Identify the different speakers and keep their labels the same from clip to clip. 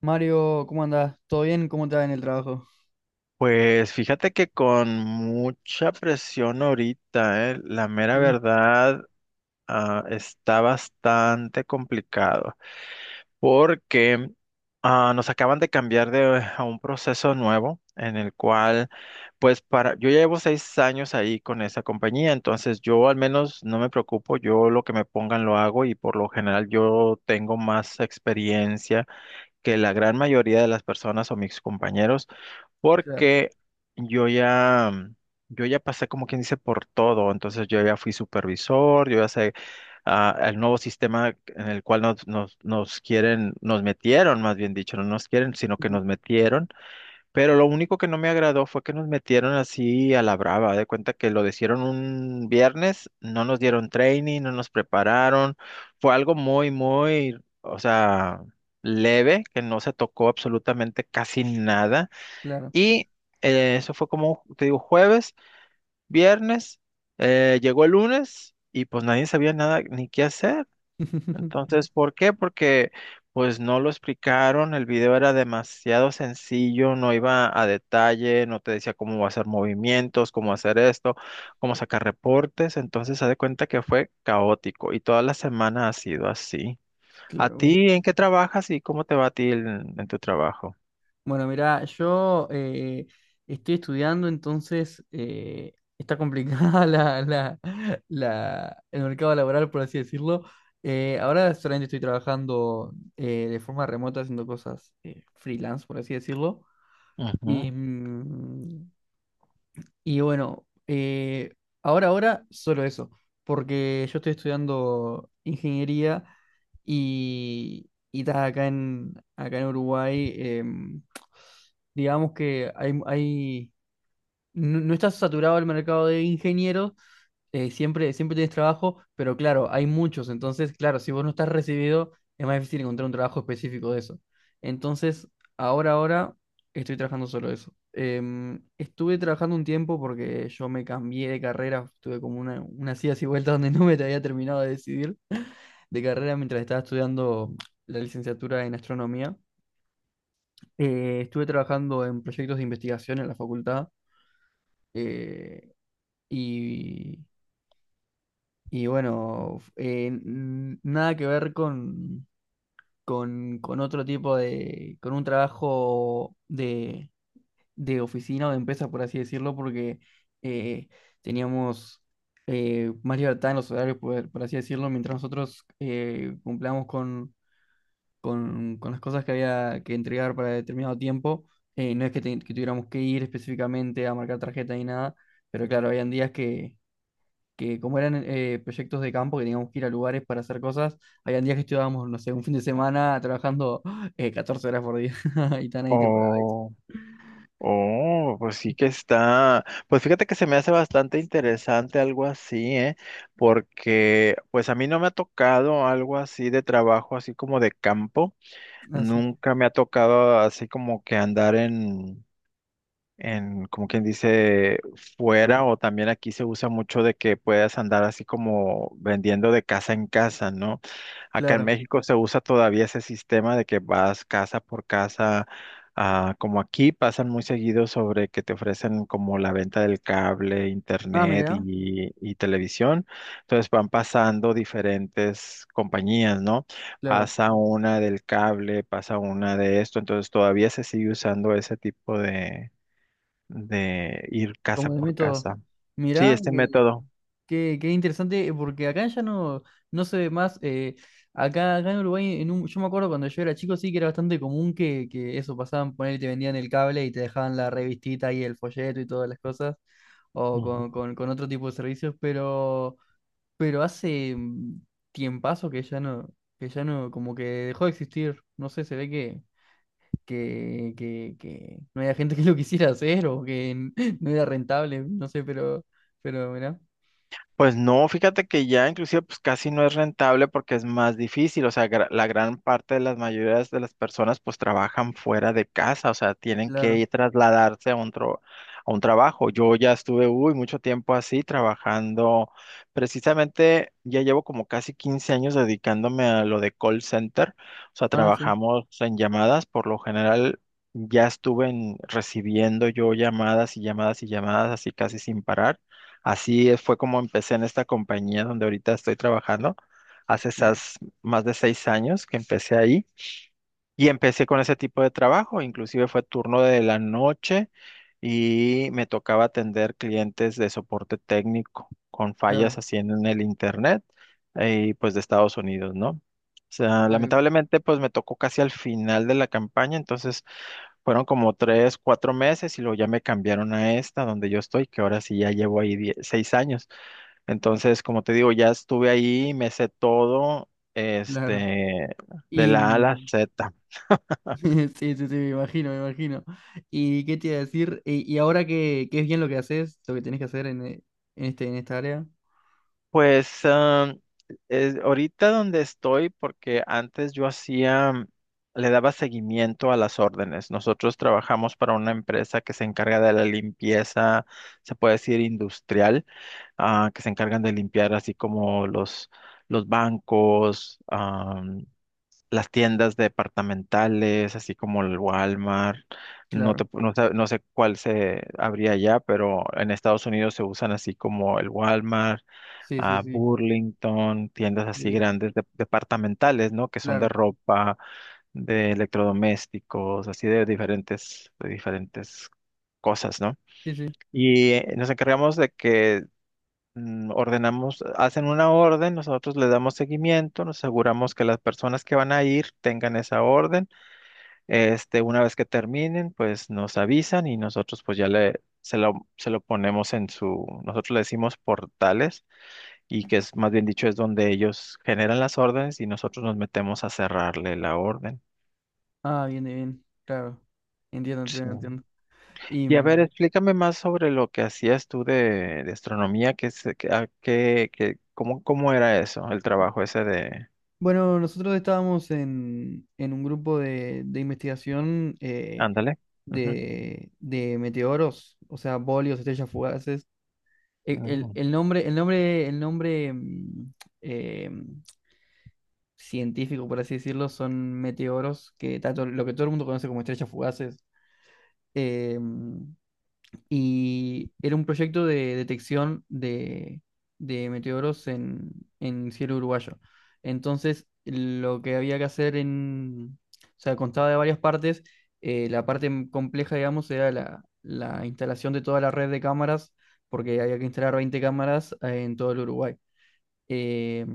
Speaker 1: Mario, ¿cómo andás? ¿Todo bien? ¿Cómo te va en el trabajo?
Speaker 2: Pues fíjate que con mucha presión ahorita, la mera
Speaker 1: Sí,
Speaker 2: verdad, está bastante complicado porque nos acaban de cambiar de, a un proceso nuevo en el cual, pues para, yo ya llevo 6 años ahí con esa compañía, entonces yo al menos no me preocupo, yo lo que me pongan lo hago y por lo general yo tengo más experiencia que la gran mayoría de las personas o mis compañeros,
Speaker 1: claro,
Speaker 2: porque yo ya, mm, yo ya pasé como quien dice por todo, entonces yo ya fui supervisor, yo ya sé el nuevo sistema en el cual nos quieren, nos metieron, más bien dicho, no nos quieren, sino que
Speaker 1: ujú,
Speaker 2: nos metieron. Pero lo único que no me agradó fue que nos metieron así a la brava. De cuenta que lo hicieron un viernes, no nos dieron training, no nos prepararon. Fue algo muy, muy, o sea, leve, que no se tocó absolutamente casi nada.
Speaker 1: claro.
Speaker 2: Y eso fue como, te digo, jueves, viernes, llegó el lunes y pues nadie sabía nada ni qué hacer. Entonces, ¿por qué? Porque pues no lo explicaron, el video era demasiado sencillo, no iba a detalle, no te decía cómo hacer movimientos, cómo hacer esto, cómo sacar reportes, entonces se de cuenta que fue caótico y toda la semana ha sido así. ¿A
Speaker 1: Claro.
Speaker 2: ti en qué trabajas y cómo te va a ti en tu trabajo?
Speaker 1: Bueno, mira, yo estoy estudiando, entonces está complicada el mercado laboral, por así decirlo. Ahora solamente estoy trabajando de forma remota, haciendo cosas freelance, por así decirlo. Y,
Speaker 2: Ujú.
Speaker 1: mm, Y bueno, ahora solo eso, porque yo estoy estudiando ingeniería y acá en Uruguay, digamos que no, no está saturado el mercado de ingenieros, siempre tienes trabajo, pero claro, hay muchos. Entonces, claro, si vos no estás recibido, es más difícil encontrar un trabajo específico de eso. Entonces, ahora estoy trabajando solo eso. Em, estuve trabajando un tiempo porque yo me cambié de carrera, tuve como unas idas y vueltas donde no me había terminado de decidir de carrera mientras estaba estudiando la licenciatura en astronomía. Estuve trabajando en proyectos de investigación en la facultad eh, y Y bueno, nada que ver con otro tipo de, con un trabajo de oficina o de empresa, por así decirlo, porque eh, teníamos más libertad en los horarios, por así decirlo, mientras nosotros cumplamos con las cosas que había que entregar para determinado tiempo. No es que tuviéramos que ir específicamente a marcar tarjeta ni nada, pero claro, habían días que como eran proyectos de campo que teníamos que ir a lugares para hacer cosas, habían días que estudiábamos, no sé, un fin de semana trabajando 14 horas por día y tan ahí te pagaban.
Speaker 2: Oh. Oh, pues sí que está. Pues fíjate que se me hace bastante interesante algo así, ¿eh? Porque pues a mí no me ha tocado algo así de trabajo, así como de campo.
Speaker 1: Así,
Speaker 2: Nunca me ha tocado así como que andar en como quien dice, fuera o también aquí se usa mucho de que puedas andar así como vendiendo de casa en casa, ¿no? Acá en
Speaker 1: claro.
Speaker 2: México se usa todavía ese sistema de que vas casa por casa, como aquí pasan muy seguido sobre que te ofrecen como la venta del cable,
Speaker 1: Ah,
Speaker 2: internet
Speaker 1: mirá,
Speaker 2: y televisión. Entonces van pasando diferentes compañías, ¿no?
Speaker 1: claro.
Speaker 2: Pasa una del cable, pasa una de esto, entonces todavía se sigue usando ese tipo de ir casa
Speaker 1: Como de
Speaker 2: por
Speaker 1: método.
Speaker 2: casa. Sí,
Speaker 1: Mirá,
Speaker 2: este
Speaker 1: que,
Speaker 2: método.
Speaker 1: que- qué interesante, porque acá ya no, no se ve más. Acá en Uruguay, en un, yo me acuerdo cuando yo era chico, sí que era bastante común que eso pasaban, poner te vendían el cable y te dejaban la revistita y el folleto y todas las cosas, o
Speaker 2: Ujú.
Speaker 1: con otro tipo de servicios, pero. Pero hace tiempazo que ya no, como que dejó de existir. No sé, se ve que no había gente que lo quisiera hacer o que no era rentable, no sé, pero mirá,
Speaker 2: Pues no, fíjate que ya inclusive pues casi no es rentable porque es más difícil, o sea, la gran parte de las mayorías de las personas pues trabajan fuera de casa, o sea, tienen que
Speaker 1: claro.
Speaker 2: ir trasladarse a un trabajo. Yo ya estuve, uy, mucho tiempo así trabajando, precisamente ya llevo como casi 15 años dedicándome a lo de call center, o sea,
Speaker 1: Ah, sí,
Speaker 2: trabajamos en llamadas, por lo general ya estuve recibiendo yo llamadas y llamadas y llamadas así casi sin parar. Así fue como empecé en esta compañía donde ahorita estoy trabajando. Hace
Speaker 1: claro,
Speaker 2: esas más de 6 años que empecé ahí. Y empecé con ese tipo de trabajo, inclusive fue turno de la noche y me tocaba atender clientes de soporte técnico con
Speaker 1: claro,
Speaker 2: fallas así en el internet y pues de Estados Unidos, ¿no? O sea,
Speaker 1: ay,
Speaker 2: lamentablemente pues me tocó casi al final de la campaña, entonces fueron como 3, 4 meses y luego ya me cambiaron a esta donde yo estoy, que ahora sí ya llevo ahí 6 años. Entonces, como te digo, ya estuve ahí, me sé todo,
Speaker 1: claro.
Speaker 2: este, de
Speaker 1: Y
Speaker 2: la A a la
Speaker 1: mm,
Speaker 2: Z.
Speaker 1: sí, sí, sí, me imagino, me imagino. ¿Y qué te iba a decir? Y ahora que es bien lo que haces, lo que tenés que hacer en, en esta área,
Speaker 2: Pues ahorita donde estoy, porque antes yo hacía, le daba seguimiento a las órdenes. Nosotros trabajamos para una empresa que se encarga de la limpieza, se puede decir industrial, que se encargan de limpiar así como los bancos, las tiendas departamentales, así como el Walmart. No,
Speaker 1: claro.
Speaker 2: te pu- no, sab- no sé cuál se habría allá, pero en Estados Unidos se usan así como el Walmart,
Speaker 1: Sí, sí,
Speaker 2: a
Speaker 1: sí,
Speaker 2: Burlington, tiendas así
Speaker 1: sí,
Speaker 2: grandes departamentales, ¿no? Que son de
Speaker 1: claro.
Speaker 2: ropa, de electrodomésticos, así de diferentes cosas, ¿no?
Speaker 1: Sí, sí.
Speaker 2: Y nos encargamos de que ordenamos, hacen una orden, nosotros le damos seguimiento, nos aseguramos que las personas que van a ir tengan esa orden. Este, una vez que terminen, pues nos avisan y nosotros pues ya le se lo ponemos en su, nosotros le decimos portales y que es más bien dicho es donde ellos generan las órdenes y nosotros nos metemos a cerrarle la orden.
Speaker 1: Ah, bien, bien, claro. Entiendo,
Speaker 2: Sí.
Speaker 1: entiendo, entiendo. Y
Speaker 2: Y a ver,
Speaker 1: mm,
Speaker 2: explícame más sobre lo que hacías tú de astronomía, que, se- que, a- que- que- cómo, cómo era eso, el trabajo ese de,
Speaker 1: bueno, nosotros estábamos en un grupo de investigación
Speaker 2: ándale. Ujú,
Speaker 1: de meteoros, o sea, bolios, estrellas fugaces.
Speaker 2: ujú.
Speaker 1: El nombre eh, científico, por así decirlo, son meteoros, que tanto lo que todo el mundo conoce como estrellas fugaces. Eh, mm, y era un proyecto de detección de meteoros en cielo uruguayo. Entonces, lo que había que hacer en, o sea, constaba de varias partes. La parte compleja, digamos, era la instalación de toda la red de cámaras, porque había que instalar 20 cámaras en todo el Uruguay. Eh,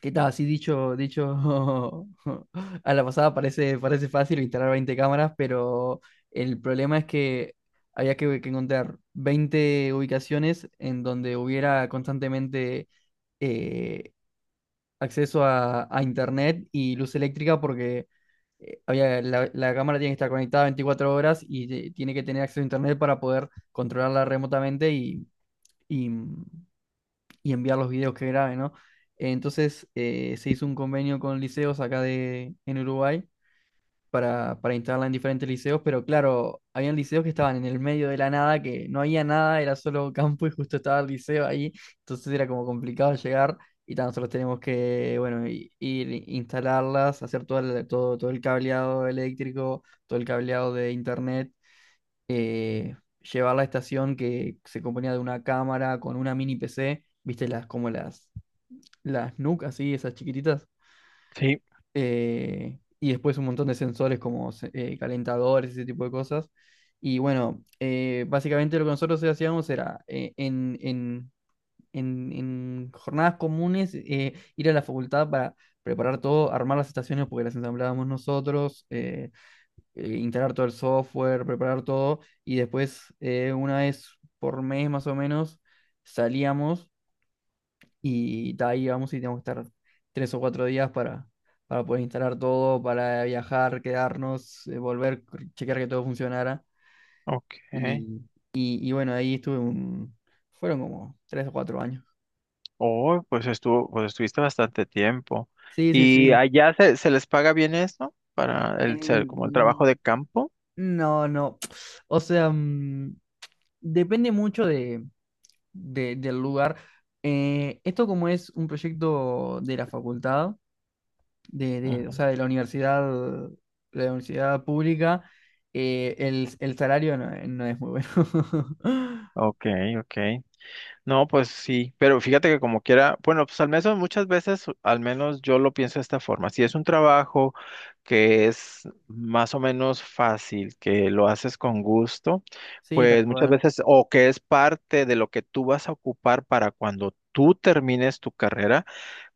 Speaker 1: ¿Qué tal? Así dicho a la pasada parece, parece fácil instalar 20 cámaras, pero el problema es que había que encontrar 20 ubicaciones en donde hubiera constantemente eh, acceso a internet y luz eléctrica porque la cámara tiene que estar conectada 24 horas y tiene que tener acceso a internet para poder controlarla remotamente y mm, y enviar los videos que grabe, ¿no? Entonces se hizo un convenio con liceos acá en Uruguay para instalarla en diferentes liceos, pero claro, habían liceos que estaban en el medio de la nada, que no había nada, era solo campo y justo estaba el liceo ahí, entonces era como complicado llegar y tan solo tenemos que, bueno, ir, instalarlas, hacer todo el cableado eléctrico, todo el cableado de internet, eh, llevar la estación que se componía de una cámara con una mini PC, viste, como las las NUC, así, esas chiquititas,
Speaker 2: Sí,
Speaker 1: y después un montón de sensores como calentadores, ese tipo de cosas. Y bueno, básicamente lo que nosotros hacíamos era en jornadas comunes ir a la facultad para preparar todo, armar las estaciones porque las ensamblábamos nosotros, instalar todo el software, preparar todo, y después una vez por mes más o menos salíamos y de ahí vamos y tenemos que estar 3 o 4 días para poder instalar todo, para viajar, quedarnos, volver, chequear que todo funcionara.
Speaker 2: ok.
Speaker 1: Y, y bueno, ahí estuve un... Fueron como 3 o 4 años.
Speaker 2: Oh, pues estuvo, pues estuviste bastante tiempo.
Speaker 1: Sí, sí,
Speaker 2: ¿Y
Speaker 1: sí.
Speaker 2: allá se, se les paga bien esto para el ser como el trabajo
Speaker 1: En...
Speaker 2: de campo?
Speaker 1: No, no. O sea, depende mucho del lugar. Esto como es un proyecto de la facultad. O
Speaker 2: Ujú.
Speaker 1: sea, de la universidad pública, el salario no, no es muy bueno.
Speaker 2: Ok, ok. No, pues sí, pero fíjate que como quiera, bueno, pues al menos muchas veces, al menos yo lo pienso de esta forma, si es un trabajo que es más o menos fácil, que lo haces con gusto,
Speaker 1: Sí, tal
Speaker 2: pues muchas
Speaker 1: cual.
Speaker 2: veces, o que es parte de lo que tú vas a ocupar para cuando tú termines tu carrera,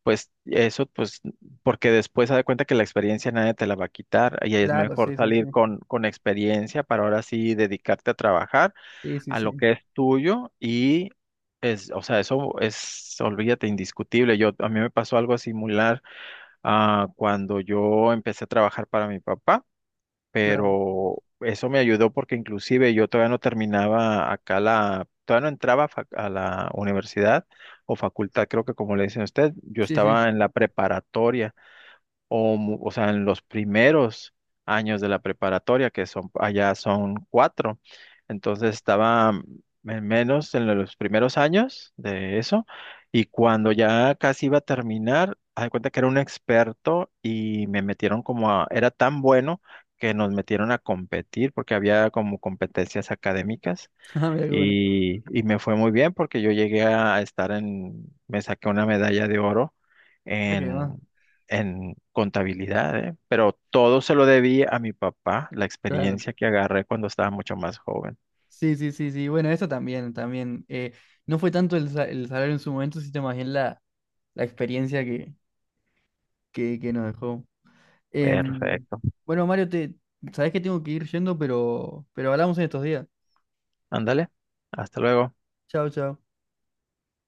Speaker 2: pues eso, pues, porque después se da cuenta que la experiencia nadie te la va a quitar y es
Speaker 1: Claro,
Speaker 2: mejor
Speaker 1: sí, sí, sí.
Speaker 2: salir con experiencia para ahora sí dedicarte a trabajar
Speaker 1: Sí, sí,
Speaker 2: a lo
Speaker 1: sí.
Speaker 2: que es tuyo y es, o sea, eso es, olvídate, indiscutible. Yo, a mí me pasó algo similar cuando yo empecé a trabajar para mi papá,
Speaker 1: Claro.
Speaker 2: pero eso me ayudó porque inclusive yo todavía no terminaba acá la, todavía no entraba a a la universidad o facultad, creo que como le dicen a usted, yo
Speaker 1: Sí, sí.
Speaker 2: estaba en la preparatoria o, o sea, en los primeros años de la preparatoria, que son allá son cuatro. Entonces estaba en menos en los primeros años de eso, y cuando ya casi iba a terminar, haz de cuenta que era un experto y me metieron como a, era tan bueno que nos metieron a competir porque había como competencias académicas
Speaker 1: Ah, mira qué bueno.
Speaker 2: y me fue muy bien porque yo llegué a estar en, me saqué una medalla de oro
Speaker 1: Ah, qué más.
Speaker 2: en, en contabilidad, ¿eh? Pero todo se lo debí a mi papá, la
Speaker 1: Claro.
Speaker 2: experiencia que agarré cuando estaba mucho más joven.
Speaker 1: Sí, sí, sí, sí. Bueno, eso también, también. No fue tanto el salario en su momento, sino más bien la, la experiencia que nos dejó. Em,
Speaker 2: Perfecto.
Speaker 1: bueno, Mario, te, sabes que tengo que ir yendo, pero hablamos en estos días.
Speaker 2: Ándale. Hasta luego.
Speaker 1: Chao, chao.